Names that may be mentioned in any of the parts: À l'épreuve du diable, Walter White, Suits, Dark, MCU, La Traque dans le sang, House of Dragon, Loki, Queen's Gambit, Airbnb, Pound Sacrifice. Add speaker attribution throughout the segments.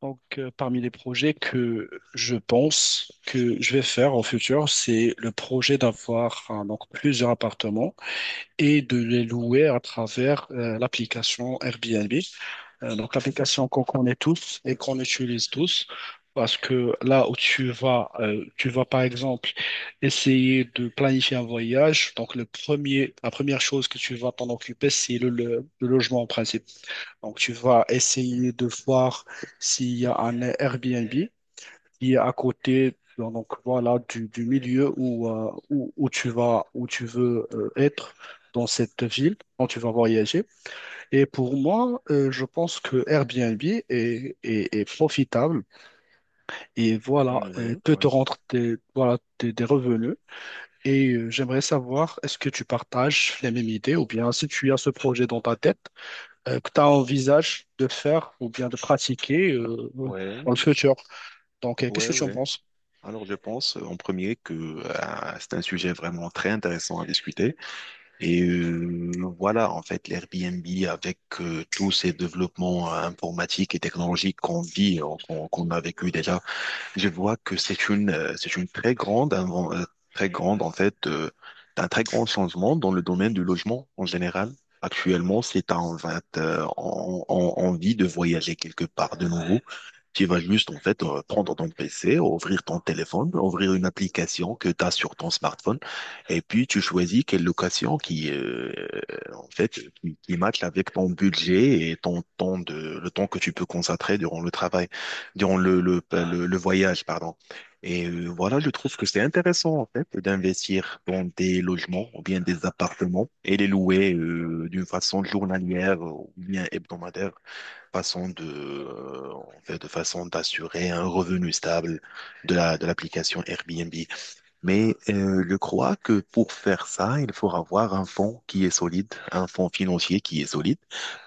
Speaker 1: Parmi les projets que je pense que je vais faire en futur, c'est le projet d'avoir, hein, donc plusieurs appartements et de les louer à travers l'application Airbnb. L'application qu'on connaît tous et qu'on utilise tous. Parce que là où tu vas par exemple essayer de planifier un voyage. Donc, la première chose que tu vas t'en occuper, c'est le logement principal. Donc, tu vas essayer de voir s'il y a un Airbnb qui est à côté, donc voilà, du milieu où tu vas, où tu veux, être dans cette ville quand tu vas voyager. Et pour moi, je pense que Airbnb est profitable et voilà,
Speaker 2: Mm, Ouais,
Speaker 1: peut
Speaker 2: ouais,
Speaker 1: te rendre des revenus. Et j'aimerais savoir, est-ce que tu partages les mêmes idées, ou bien si tu as ce projet dans ta tête que tu envisages de faire ou bien de pratiquer
Speaker 2: ouais,
Speaker 1: dans le futur. Qu'est-ce
Speaker 2: ouais,
Speaker 1: que tu en
Speaker 2: ouais.
Speaker 1: penses?
Speaker 2: Alors je pense en premier que c'est un sujet vraiment très intéressant à discuter. Et euh, voilà, en fait, l'Airbnb avec tous ces développements informatiques et technologiques qu'on vit, qu'on qu'on a vécu déjà, je vois que c'est une très grande, très grande en fait, un très grand changement dans le domaine du logement en général. Actuellement, c'est en 20, on, on vit de voyager quelque part de nouveau. Tu vas juste, en fait, prendre ton PC, ouvrir ton téléphone, ouvrir une application que tu as sur ton smartphone, et puis tu choisis quelle location en fait, qui matche avec ton budget et le temps que tu peux consacrer durant le travail, durant le voyage, pardon. Et voilà, je trouve que c'est intéressant, en fait, d'investir dans des logements ou bien des appartements et les louer d'une façon journalière ou bien hebdomadaire, façon de, en fait, de façon d'assurer un revenu stable de l'application Airbnb. Mais je crois que pour faire ça, il faut avoir un fonds qui est solide, un fonds financier qui est solide,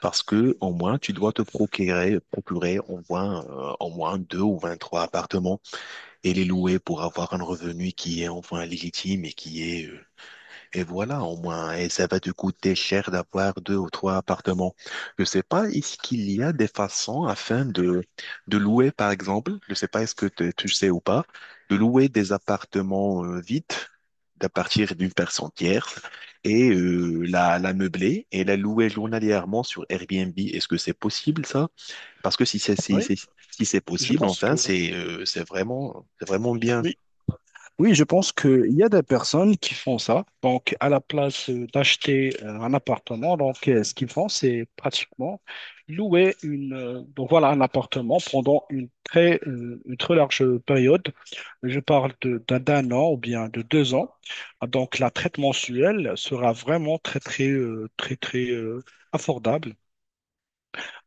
Speaker 2: parce que au moins tu dois te procurer, procurer au moins deux ou 23 appartements et les louer pour avoir un revenu qui est enfin légitime et qui est et voilà, au moins, et ça va te coûter cher d'avoir deux ou trois appartements. Je sais pas, est-ce qu'il y a des façons afin de louer, par exemple, je sais pas, tu sais ou pas, de louer des appartements vides à partir d'une personne tierce et la meubler et la louer journalièrement sur Airbnb. Est-ce que c'est possible, ça? Parce que
Speaker 1: Oui,
Speaker 2: si c'est
Speaker 1: je
Speaker 2: possible,
Speaker 1: pense que
Speaker 2: enfin, c'est vraiment bien.
Speaker 1: oui. Oui, je pense qu'il y a des personnes qui font ça. Donc, à la place d'acheter un appartement, ce qu'ils font, c'est pratiquement louer une donc voilà un appartement pendant une très large période. Je parle de d'un d'un an ou bien de deux ans. Donc, la traite mensuelle sera vraiment très très très très abordable,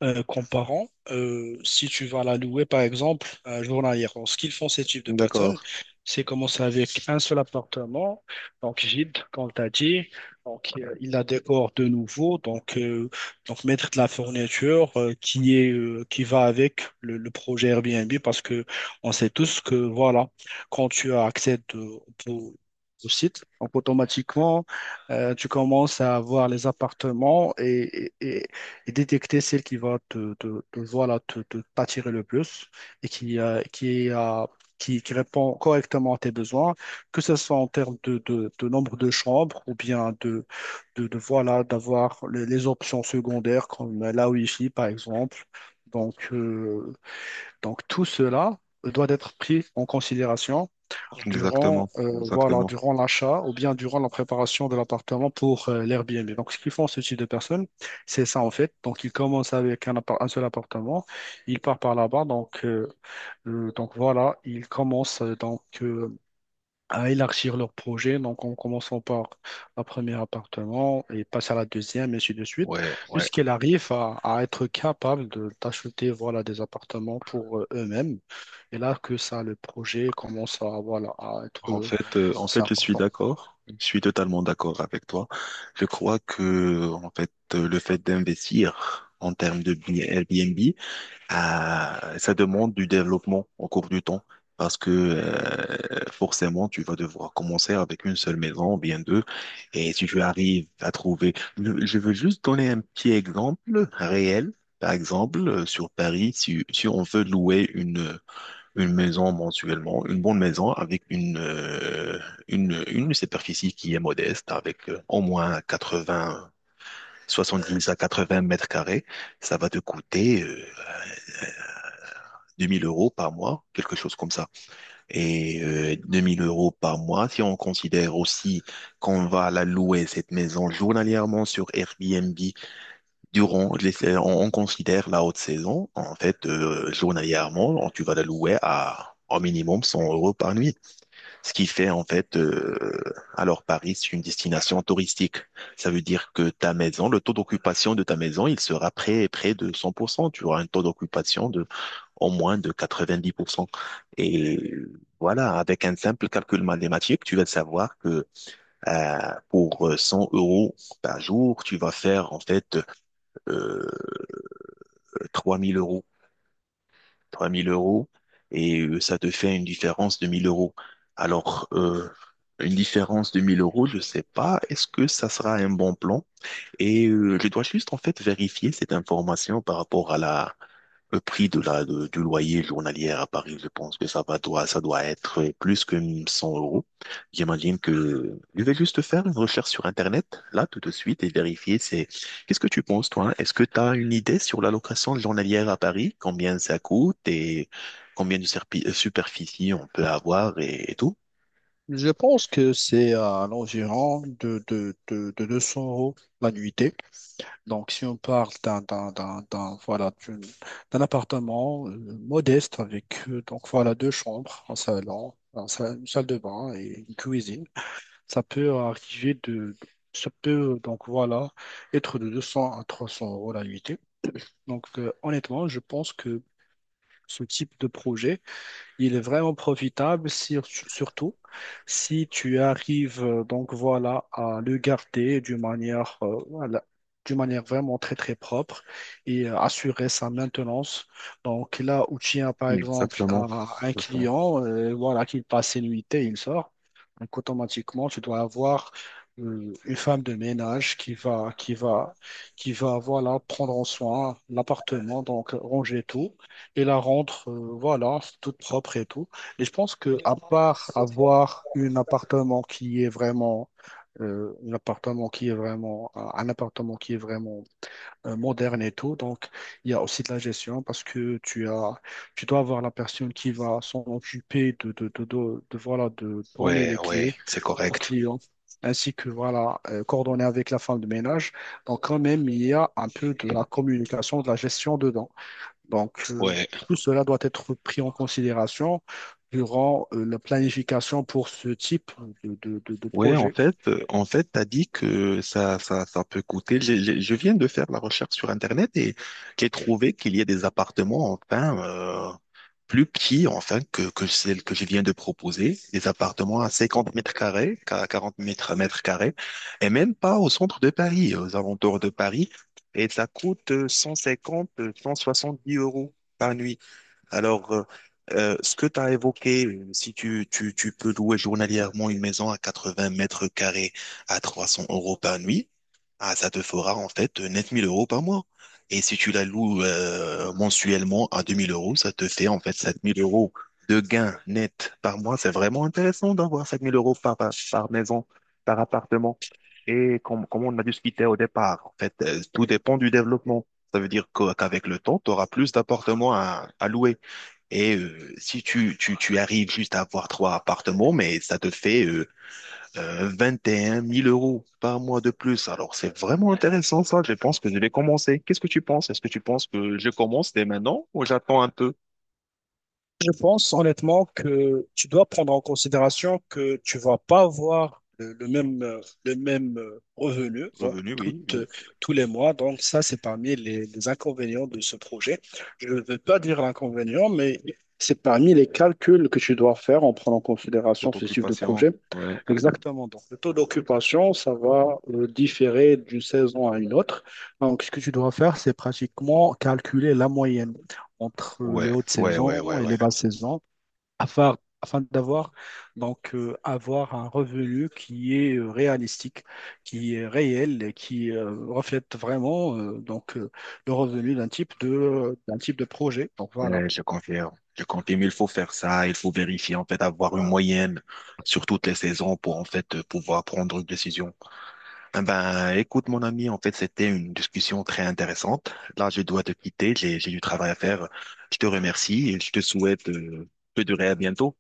Speaker 1: Comparant, si tu vas la louer par exemple à journalière. Alors, ce qu'ils font, ces types de
Speaker 2: D'accord.
Speaker 1: personnes, c'est commencer avec un seul appartement, donc vide, comme tu as dit. Il la décore de nouveau, donc mettre de la fourniture qui est, qui va avec le projet Airbnb, parce que on sait tous que voilà, quand tu accèdes au site, donc automatiquement, tu commences à avoir les appartements et détecter celle qui va voilà, t'attirer le plus et qui répond correctement à tes besoins, que ce soit en termes de nombre de chambres ou bien voilà, d'avoir les options secondaires comme la Wi-Fi par exemple. Donc, euh, donc tout cela doit être pris en considération durant,
Speaker 2: Exactement,
Speaker 1: voilà,
Speaker 2: exactement.
Speaker 1: durant l'achat ou bien durant la préparation de l'appartement pour l'Airbnb. Donc, ce qu'ils font, ce type de personnes, c'est ça en fait. Donc, ils commencent avec un seul appartement, ils partent par là-bas. Ils commencent à élargir leur projet. Donc, en commençant par un premier appartement et passent à la deuxième, et ainsi de suite,
Speaker 2: Ouais, ouais.
Speaker 1: jusqu'ils arrivent à être capables d'acheter, voilà, des appartements pour eux-mêmes. Et là que ça, le projet commence à, voilà, à être
Speaker 2: En
Speaker 1: c'est
Speaker 2: fait, je suis
Speaker 1: important.
Speaker 2: d'accord. Je suis totalement d'accord avec toi. Je crois que, en fait, le fait d'investir en termes de Airbnb, ça demande du développement au cours du temps. Parce que forcément, tu vas devoir commencer avec une seule maison, ou bien deux. Et si tu arrives à trouver... Je veux juste donner un petit exemple réel. Par exemple, sur Paris, si on veut louer une maison mensuellement, une bonne maison avec une superficie qui est modeste, avec au moins quatre-vingt 70 à 80 mètres carrés, ça va te coûter 2 000 € par mois, quelque chose comme ça. Et 2 000 € par mois, si on considère aussi qu'on va la louer, cette maison, journalièrement sur Airbnb, on, considère la haute saison, en fait, journalièrement, tu vas la louer à au minimum 100 € par nuit. Ce qui fait en fait, alors Paris, c'est une destination touristique. Ça veut dire que ta maison, le taux d'occupation de ta maison, il sera près de 100%. Tu auras un taux d'occupation de au moins de 90%. Et voilà, avec un simple calcul mathématique, tu vas savoir que euh, pour 100 € par jour, tu vas faire en fait euh, 3000 euros. 3 000 € et ça te fait une différence de 1000 euros. Alors, euh, une différence de 1000 euros, je ne sais pas, est-ce que ça sera un bon plan? Et je dois juste en fait vérifier cette information par rapport le prix de la, du loyer journalier à Paris. Je pense que ça doit être plus que 100 euros. J'imagine que je vais juste faire une recherche sur Internet, là, tout de suite, et qu'est-ce que tu penses, toi? Est-ce que tu as une idée sur la location journalière à Paris? Combien ça coûte et combien de superficie on peut avoir et tout?
Speaker 1: Je pense que c'est à l'environ de 200 euros la nuitée. Donc, si on parle voilà, d'un appartement modeste avec voilà, deux chambres, un salon, une salle de bain et une cuisine, ça peut arriver de... Ça peut, voilà, être de 200 à 300 euros la nuitée. Honnêtement, je pense que ce type de projet, il est vraiment profitable, surtout si tu arrives voilà à le garder d'une manière, voilà, d'une manière vraiment très très propre et assurer sa maintenance. Donc là où tu as par exemple
Speaker 2: Exactement.
Speaker 1: un
Speaker 2: Exactement.
Speaker 1: client, voilà, qu'il passe ses nuitées, il sort. Donc automatiquement tu dois avoir une femme de ménage qui va, voilà, prendre en soin l'appartement, donc ranger tout. Et la rentre, voilà, c'est toute propre et tout. Et je pense que à part avoir un appartement qui est vraiment, un appartement qui est vraiment, un appartement qui est vraiment moderne et tout, donc il y a aussi de la gestion, parce que tu as, tu dois avoir la personne qui va s'en occuper de, voilà, de donner
Speaker 2: Ouais,
Speaker 1: les
Speaker 2: ouais,
Speaker 1: clés
Speaker 2: c'est
Speaker 1: au
Speaker 2: correct.
Speaker 1: client, ainsi que voilà, coordonner avec la femme de ménage. Donc quand même, il y a un peu de la communication, de la gestion dedans. Donc, euh,
Speaker 2: Ouais,
Speaker 1: Tout cela doit être pris en considération durant la planification pour ce type de
Speaker 2: ouais, en
Speaker 1: projet.
Speaker 2: fait, t'as dit que ça peut coûter. J'ai- Je, viens de faire la recherche sur Internet et j'ai trouvé qu'il y a des appartements, enfin, plus petits, enfin, que celle que je viens de proposer. Des appartements à 50 m², à 40 mètres, mètres carrés, et même pas au centre de Paris, aux alentours de Paris. Et ça coûte 150, dix euros par nuit. Alors, euh, Ce que tu as évoqué, si tu peux louer journalièrement une maison à 80 mètres carrés à 300 € par nuit, ah, ça te fera en fait 9 000 € par mois. Et si tu la loues mensuellement à 2000 euros, ça te fait en fait 7 000 € de gains net par mois. C'est vraiment intéressant d'avoir 7 000 € par maison, par appartement. Et comme on a discuté au départ, en fait, tout dépend du développement. Ça veut dire qu'avec le temps, tu auras plus d'appartements à louer. Et si tu arrives juste à avoir trois appartements, mais ça te fait 21 000 euros par mois de plus. Alors, c'est vraiment intéressant, ça. Je pense que je vais commencer. Qu'est-ce que tu penses? Est-ce que tu penses que je commence dès maintenant ou j'attends un peu?
Speaker 1: Je pense honnêtement que tu dois prendre en considération que tu vas pas avoir le même, revenu donc
Speaker 2: Revenu, oui, oui.
Speaker 1: tous les mois. Donc ça, c'est parmi les inconvénients de ce projet. Je ne veux pas dire l'inconvénient, mais c'est parmi les calculs que tu dois faire en prenant en considération
Speaker 2: Toute
Speaker 1: ce type de
Speaker 2: occupation,
Speaker 1: projet.
Speaker 2: ouais.
Speaker 1: Exactement. Donc le taux d'occupation, ça va différer d'une saison à une autre. Donc ce que tu dois faire, c'est pratiquement calculer la moyenne entre les
Speaker 2: Ouais,
Speaker 1: hautes
Speaker 2: ouais, ouais, ouais,
Speaker 1: saisons et
Speaker 2: ouais.
Speaker 1: les basses saisons afin d'avoir avoir un revenu qui est réalistique, qui est réel et qui, reflète vraiment, le revenu d'un type de projet. Donc voilà.
Speaker 2: Ouais, je confirme. Je confirme, il faut faire ça. Il faut vérifier, en fait, avoir une moyenne sur toutes les saisons pour, en fait, pouvoir prendre une décision. Eh Ben, écoute, mon ami, en fait, c'était une discussion très intéressante. Là, je dois te quitter, j'ai du travail à faire. Je te remercie et je te souhaite de durer à bientôt.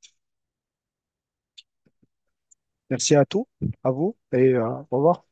Speaker 1: Merci à tous, à vous, et au revoir.